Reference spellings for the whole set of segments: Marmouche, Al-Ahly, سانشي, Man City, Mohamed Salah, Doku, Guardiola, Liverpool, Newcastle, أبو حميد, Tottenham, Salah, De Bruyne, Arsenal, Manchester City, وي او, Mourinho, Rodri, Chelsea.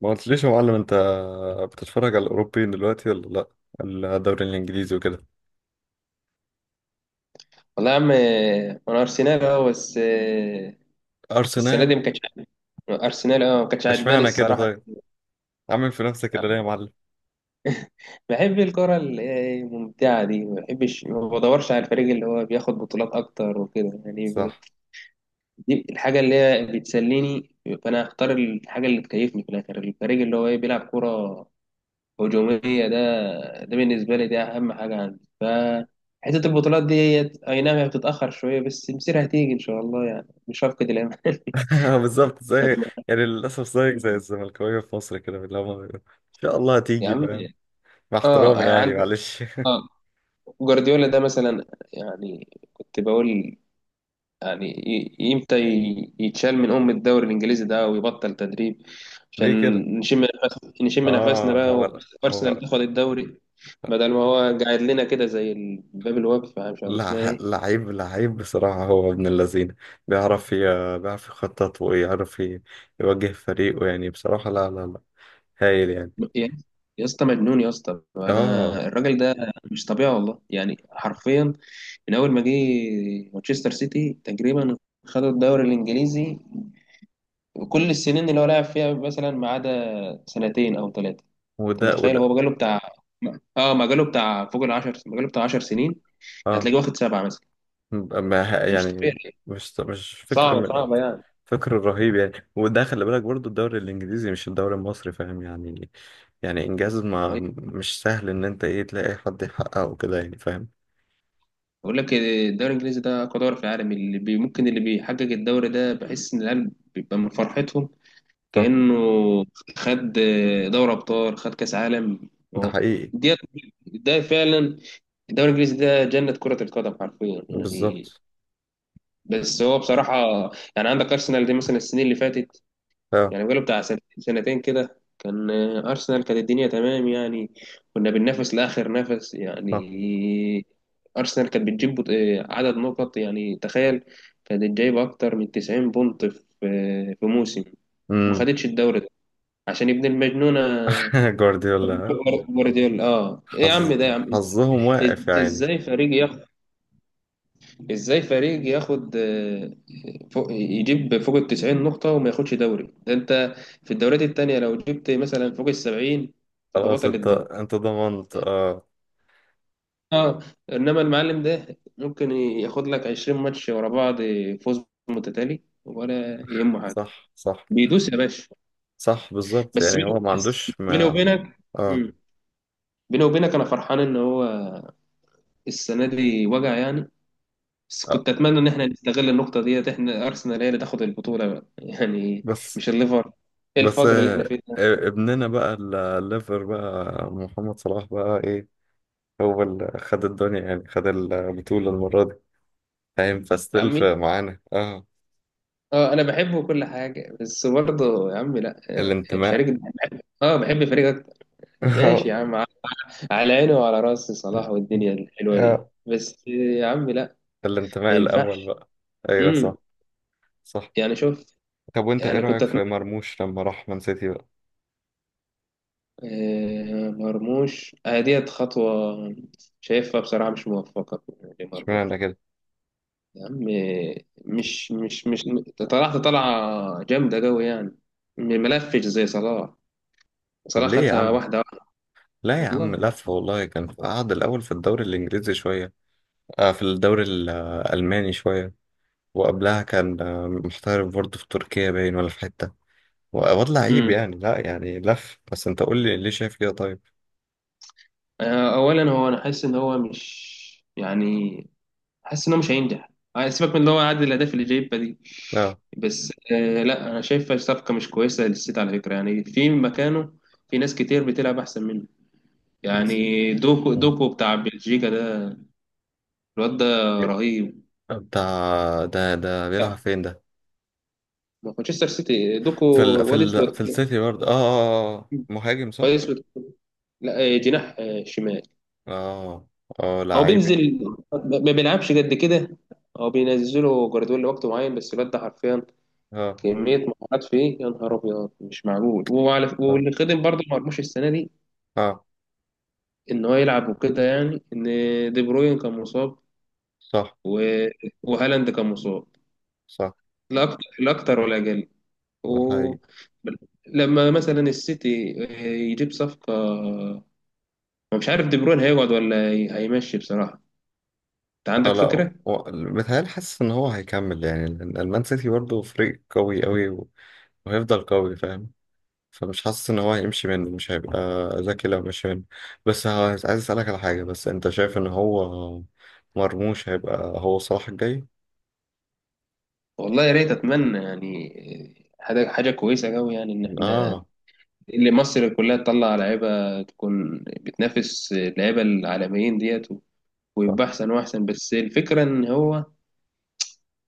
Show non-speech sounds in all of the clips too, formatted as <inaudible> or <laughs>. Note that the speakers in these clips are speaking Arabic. ما قلتليش يا معلم انت بتتفرج على الاوروبيين دلوقتي ولا؟ لا، الدوري الانجليزي وكده. والله يا عم انا ارسنال بس السنه ارسناوي؟ دي ما كانتش عاجباني. ارسنال ما كانتش عجباني اشمعنى كده الصراحه. طيب؟ عامل في نفسك كده يعني ليه يا معلم؟ بحب الكره اللي هي الممتعه دي، ما بحبش، ما بدورش على الفريق اللي هو بياخد بطولات اكتر وكده، يعني صح. دي الحاجه اللي هي بتسليني. فانا هختار الحاجه اللي تكيفني في الاخر، الفريق اللي هو بيلعب كره هجوميه. ده ده بالنسبه لي ده اهم حاجه عندي، حته البطولات دي. اي نعم هي بتتاخر شويه بس مصيرها هتيجي ان شاء الله، يعني مش هفقد الامل. <laughs> <laughs> آه، بالظبط. زي يعني للاسف زيك زي الزملكاويه في مصر كده، اللي هم بيقولوا ان شاء الله يا هتيجي، عم فاهم. مع احترامي اه يعني، عندك، معلش. اه <laughs> جوارديولا ده مثلا، يعني كنت بقول يعني امتى يتشال من الدوري الانجليزي ده ويبطل تدريب، عشان ليه كده؟ نشم نفسنا اه، هو بقى، وارسنال هو تاخد الدوري بدل ما هو قاعد لنا كده زي الباب الواقف، مش عارف اسمها ايه. لعيب لعيب بصراحة، هو ابن اللذين، بيعرف يخطط ويعرف يوجه فريقه، يعني بصراحة لا لا لا، هايل يعني. يا يا اسطى مجنون، يا اسطى اه. انا الراجل ده مش طبيعي والله، يعني حرفيا. من اول ما جه مانشستر سيتي تقريبا خدوا الدوري الانجليزي، كل السنين اللي هو لعب فيها مثلا ما عدا سنتين او ثلاثه. انت وده متخيل؟ وده هو مجاله بتاع اه مجاله بتاع فوق العشر، مجاله بتاع 10 سنين اه، هتلاقيه واخد سبعه مثلا. ما ه- مش يعني طبيعي. مش صعبه صعبه يعني. فكر رهيب يعني، وده خلي بالك برضو الدوري الانجليزي مش الدوري المصري، فاهم يعني. يعني انجاز ما أيوة. مش سهل ان انت ايه تلاقي حد يحققه كده يعني، فاهم. بقول لك الدوري الانجليزي ده اقوى دوري في العالم، اللي بي ممكن اللي بيحقق الدوري ده بحس ان العيال بيبقى من فرحتهم صح. كانه خد دوري ابطال خد كاس عالم. ده هو، حقيقي. دي، ده فعلا، الدوري الانجليزي ده جنه كره القدم حرفيا يعني. بالظبط. بس هو بصراحة، يعني عندك أرسنال دي مثلا السنين اللي فاتت، اه. يعني بقاله بتاع سنتين سنتين كده كان، أرسنال كانت الدنيا تمام يعني. كنا بننافس لآخر نفس صح. يعني. أرسنال كانت بتجيب عدد نقط، يعني تخيل، كانت جايبة أكتر من 90 بونت في موسم، وما امم. خدتش الدوري ده عشان ابن المجنونة. <laughs> جوارديولا، ها؟ جوارديولا ايه يا عم، حظ ده يا عم! حظهم واقف إز- يعني. ازاي فريق ازاي فريق ياخد فوق ال 90 نقطة وما ياخدش دوري ده؟ انت في الدوريات التانية لو جبت مثلا فوق ال 70 تبقى خلاص بطل انت الدوري انت ضمنت يعني. اه. اه انما المعلم ده ممكن ياخد لك 20 ماتش ورا بعض، فوز متتالي ولا يهمه حاجة، صح، صح. بيدوس يا باشا. صح بالظبط بس يعني، هو بيني ما بس عندوش بيني ما. وبينك، اه. مم. بيني وبينك انا فرحان ان هو السنة دي وجع يعني، بس آه. كنت اتمنى ان احنا نستغل النقطه ديت، احنا ارسنال هي اللي تاخد البطوله بقى. <laughs> يعني بس مش الليفر! ايه بس الفجر اللي احنا آه، فيه ده؟ ابننا بقى، الليفر بقى، محمد صلاح بقى ايه، هو اللي خد الدنيا يعني، خد البطولة المرة دي، فاهم. يا فاستيل عمي في معانا اه. اه انا بحبه كل حاجه، بس برضه يا عمي لا، الفريق الانتماء. ده. اه بحب الفريق اكتر. ماشي يا عم، <laughs> على عيني وعلى راسي صلاح والدنيا الحلوه دي، اه، بس يا عمي لا، الانتماء ما الأول ينفعش. بقى. أيوة امم صح. صح. يعني شوف، طب وأنت إيه يعني كنت رأيك اتمنى، في مرموش لما راح مان سيتي بقى؟ مرموش، ديت خطوه شايفها بصراحه مش موفقه لمرموش. اشمعنى كده؟ يا عم مش طلعت طلعة جامدة قوي يعني، ملفش زي صلاح. طب صلاح ليه يا خدها عم؟ واحدة واحدة لا يا والله. عم، لف والله، كان قعد الأول في الدوري الإنجليزي شوية، آه في الدوري الألماني شوية، وقبلها كان آه، محترف برضه في تركيا باين ولا في حتة. وواد لعيب امم يعني، لا يعني لف، بس انت قول لي ليه شايف كده طيب. أولا هو، أنا حاسس إن هو مش، يعني حاسس إن هو مش هينجح. سيبك من إن هو عدد الأهداف اللي جايبها دي، لا. بس لا، أنا شايفها صفقة مش كويسة للسيتي على فكرة يعني. في مكانه في ناس كتير بتلعب أحسن منه بس. يعني. دوكو، مم. دوكو بتاع بلجيكا ده، الواد ده رهيب. بتاع ده بيلعب فين ده؟ مانشستر سيتي، دوكو، واد اسود في كده، السيتي برضه، اه اه آه. آه. مهاجم صح. كويس. لا جناح شمال. اه. اه هو لعيبي. بينزل، ما بيلعبش قد كده، هو بينزله جوارديولا لوقت معين، بس الواد ده حرفيا اه كمية مهارات فيه يا نهار أبيض مش معقول. وعلى اه واللي خدم برضه مرموش السنة دي، آه. إن هو يلعب وكده، يعني إن دي بروين كان مصاب صح. و... وهالاند كان مصاب، صح. لا أكتر لا أكتر ولا أقل. ده و... حقيقي. لما مثلا السيتي يجيب صفقة، ما مش عارف دي بروين هيقعد ولا هيمشي بصراحة. أنت اه عندك لا، فكرة؟ متهيألي حاسس ان هو هيكمل يعني، لأن المان سيتي برضه فريق قوي قوي، وهيفضل قوي، فاهم. فمش حاسس ان هو هيمشي منه، مش هيبقى ذكي لو مشي منه. بس عايز اسالك على حاجه، بس انت شايف ان هو مرموش هيبقى هو صلاح الجاي؟ والله يا ريت، اتمنى يعني حاجه كويسه قوي يعني، ان احنا، اه اللي مصر كلها تطلع لعيبه تكون بتنافس اللعيبه العالميين ديت، صح. ويبقى احسن واحسن. بس الفكره ان هو،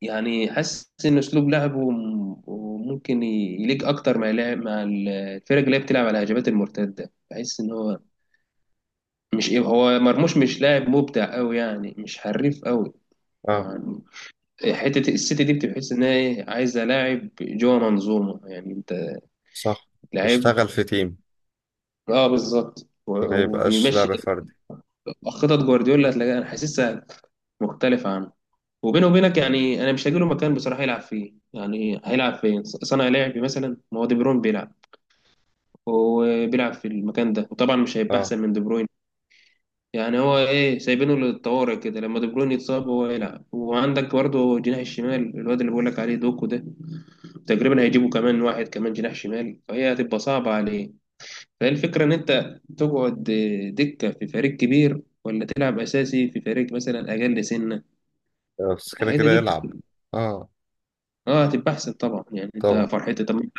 يعني حاسس ان اسلوب لعبه ممكن يليق اكتر مع لعب مع الفرق اللي هي بتلعب على الهجمات المرتده. بحس ان هو مش، هو مرموش مش لاعب مبدع قوي يعني، مش حريف قوي. اه يعني حته السيتي دي بتحس ان هي عايزه لاعب جوه منظومه يعني، انت، صح، لعيب. يشتغل في تيم، اه بالظبط، و- ما يبقاش وبيمشي لعب فردي. خطط جوارديولا هتلاقيها انا حاسسها مختلفة عنه. وبينه وبينك يعني، انا مش هجيله مكان بصراحة يلعب فيه. يعني هيلعب فين؟ صانع لعب مثلا؟ ما هو دي بروين بيلعب وبيلعب في المكان ده، وطبعا مش هيبقى اه احسن من دي بروين يعني. هو سايبينه للطوارئ كده، لما دي بروين يتصاب هو يلعب. وعندك برضه جناح الشمال، الواد اللي بقول لك عليه دوكو ده، تقريبا هيجيبوا كمان واحد، كمان جناح شمال، فهي هتبقى صعبة عليه. فهي الفكرة، إن أنت تقعد دكة في فريق كبير ولا تلعب أساسي في فريق مثلا أقل سنة؟ بس كده الحقيقة كده دي يلعب. اه. هتبقى أحسن طبعا يعني، طبعا. أنت فرحتي. طب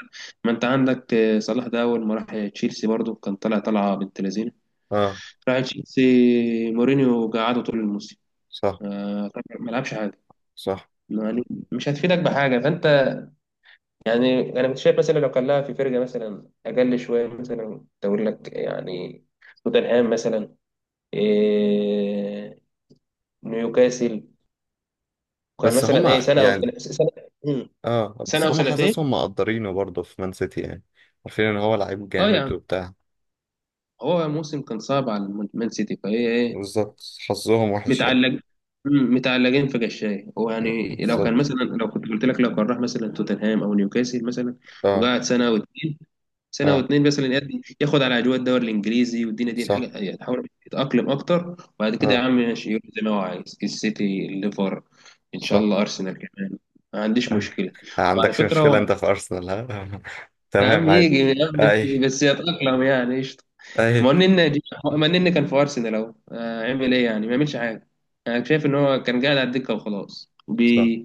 ما أنت عندك صلاح ده أول ما راح تشيلسي برضه كان طالع طالعة بنت لذينة، اه راح تشيلسي مورينيو قعده طول الموسم، صح. طبعاً ما لعبش حاجة صح يعني. مش هتفيدك بحاجة، فأنت يعني، انا مش شايف. مثلا لو كان لها في فرقه مثلا اقل شويه، مثلا تقول لك يعني توتنهام مثلا، إيه نيوكاسل، وكان بس مثلا هما سنه او سنه يعني. سنه, مم. اه بس سنة او هما سنتين. حاسسهم مقدرينه برضه في مان سيتي يعني، عارفين ان هو لعيب اه جامد يعني وبتاع. هو موسم كان صعب على مان سيتي، فهي بالظبط. حظهم وحش يعني. متعلق متعلقين في قشاي هو. يعني لو كان بالظبط. مثلا، لو كنت قلت لك، لو كان راح مثلا توتنهام او نيوكاسل مثلا اه. وقعد سنه او اتنين، سنه اه واتنين مثلا، ياخد على اجواء الدوري الانجليزي والدنيا دي الحاجه، صح. يعني يحاول يتاقلم اكتر، وبعد كده يا اه عم ماشي، يروح زي ما هو عايز، السيتي، الليفر، ان شاء صح. الله ارسنال كمان، ما عنديش مشكله. ما وعلى عندكش فكره مشكلة هو، انت في ارسنال، ها؟ <laughs> يا تمام، عم عادي. يجي يا عم، بس اي. يتاقلم يعني. اي ما هو النني، ما النني كان في ارسنال اهو، عمل ايه يعني؟ ما يعملش حاجه. انا شايف ان هو كان قاعد على الدكه وخلاص، صح. بي...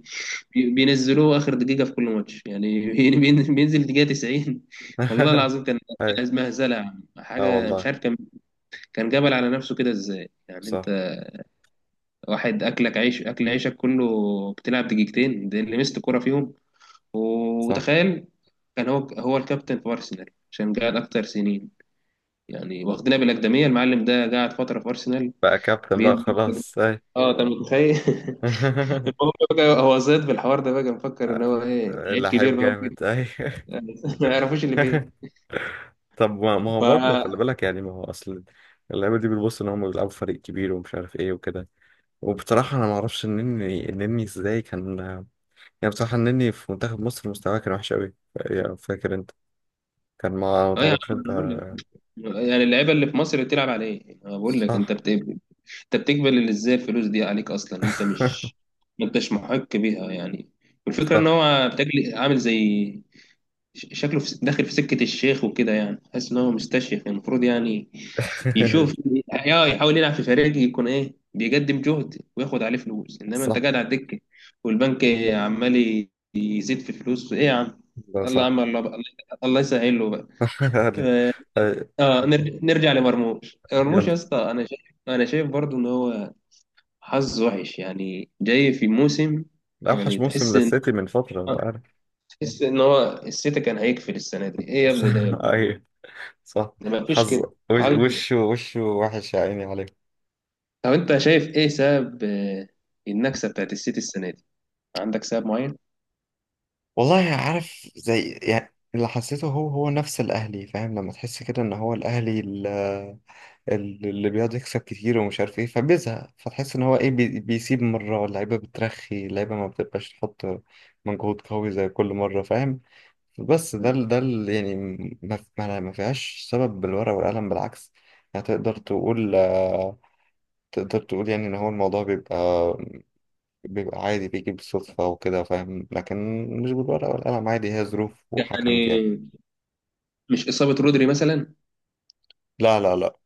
بي... بينزلوه اخر دقيقه في كل ماتش يعني. <laughs> بينزل دقيقه 90 والله <laughs> العظيم. كان اي. كان مهزله يا عم. اه حاجه مش والله. عارف. كان جبل على نفسه كده، ازاي يعني صح، انت؟ واحد اكلك عيش اكل عيشك كله، بتلعب دقيقتين ده اللي مسك كرة فيهم. صح. وتخيل كان هو هو الكابتن في ارسنال عشان قاعد اكتر سنين يعني، واخدنا بالاكاديميه. المعلم ده قاعد فتره في ارسنال، بقى كابتن بقى، بين خلاص. اي. اه انت متخيل! <laughs> <laughs> المهم بقى، هو زاد بالحوار ده بقى، مفكر ان هو لعيب كبير لعيب بقى وكده. جامد اي. <laughs> ما يعرفوش اللي <laughs> فيه. طب ما ف هو برضه خلي اه بالك يعني، ما هو اصل اللعيبه دي بتبص ان هم بيلعبوا في فريق كبير ومش عارف ايه وكده. وبصراحه انا ما اعرفش النني، النني ازاي كان. يعني بصراحه النني في منتخب مصر مستواه كان وحش قوي، فاكر انت؟ كان ما يا عم تعرفش انت. أنا بقول لك، يعني اللعيبه اللي في مصر بتلعب على ايه؟ أنا بقول لك، صح. انت بتقبل ازاي الفلوس دي عليك اصلا؟ انت مش <laughs> ما انتش محق بيها يعني. والفكره ان صح. هو بتجلي عامل زي شكله في داخل في سكة الشيخ وكده. يعني حاسس ان هو مستشيخ، المفروض يعني يشوف، <laughs> اه يحاول يلعب في فريق يكون بيقدم جهد وياخد عليه فلوس، انما انت صح قاعد على الدكة والبنك عمال يزيد في فلوس ايه يا عم! ده الله يا صح عم، الله بقى. الله يسهل له بقى. <laughs> يعني. اه أي- نرجع لمرموش. يلا. مرموش يا اسطى، انا شايف برضو ان هو حظ وحش يعني، جاي في موسم، اوحش يعني موسم تحس ان، للسيتي من فترة، انت آه، عارف. هو السيتي كان هيقفل السنة دي ايه يا ابني ده! <laughs> اي صح. مفيش حظ. كده. هل، وشه وشه وحش يا عيني عليه. طب انت شايف ايه سبب النكسه بتاعت السيتي السنه دي؟ عندك سبب معين؟ والله عارف، زي يعني اللي حسيته، هو نفس الاهلي، فاهم. لما تحس كده ان هو الاهلي اللي بيقعد يكسب كتير ومش عارف ايه، فبيزهق، فتحس ان هو ايه بيسيب مرة، اللعيبة بترخي، اللعيبة ما بتبقاش تحط مجهود قوي زي كل مرة، فاهم. بس مم. يعني. ما فيهاش سبب بالورقة والقلم، بالعكس. يعني تقدر تقول آه، تقدر تقول يعني ان هو الموضوع بيبقى عادي، بيجي بالصدفة وكده، فاهم. لكن مش بالورقة والقلم، عادي هي ظروف وحكمت يعني. يعني مش اصابه رودري مثلا لا لا لا.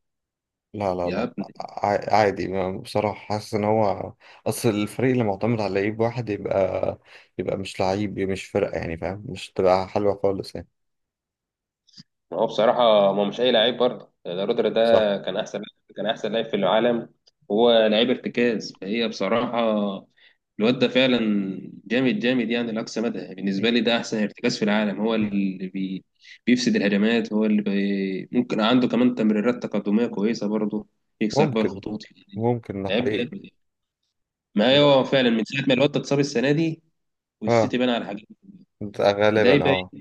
لا لا يا لا. ابني؟ عادي. بصراحة حاسس ان هو اصل الفريق اللي معتمد على لعيب واحد يبقى مش لعيب مش فرقة يعني، فاهم. مش تبقى حلوة خالص يعني. هو بصراحة ما هو مش أي لعيب برضه ده، رودر ده صح. كان أحسن لاعب في العالم، وهو لعيب ارتكاز. فهي بصراحة الواد ده فعلا جامد جامد يعني لأقصى مدى. بالنسبة لي ده أحسن ارتكاز في العالم، هو اللي بيفسد الهجمات، هو اللي بي ممكن عنده كمان تمريرات تقدمية كويسة برضه، يكسر بيها ممكن. الخطوط يعني. ممكن ده لعيب جامد حقيقي. يعني. ما ده- هو فعلا من ساعة ما الواد ده اتصاب السنة دي اه والسيتي بان على حاجات، ده ده غالبا يبقى اه.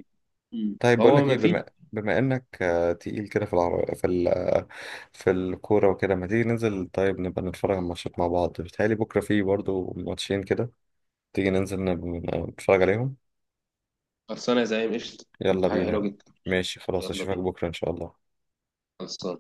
طيب بقول هو لك ما ايه، فيه. بما انك آه، تقيل كده في العر... في ال... آه، في الكورة وكده، ما تيجي ننزل طيب، نبقى نتفرج على الماتشات مع بعض. بيتهيألي بكرة فيه برضو ماتشين كده، تيجي ننزل نتفرج عليهم. خلصانة يا زعيم، قشطة، يلا تبقى حاجة حلوة بينا. جدا. ماشي خلاص، يلا اشوفك بينا. بكرة ان شاء الله. خلصان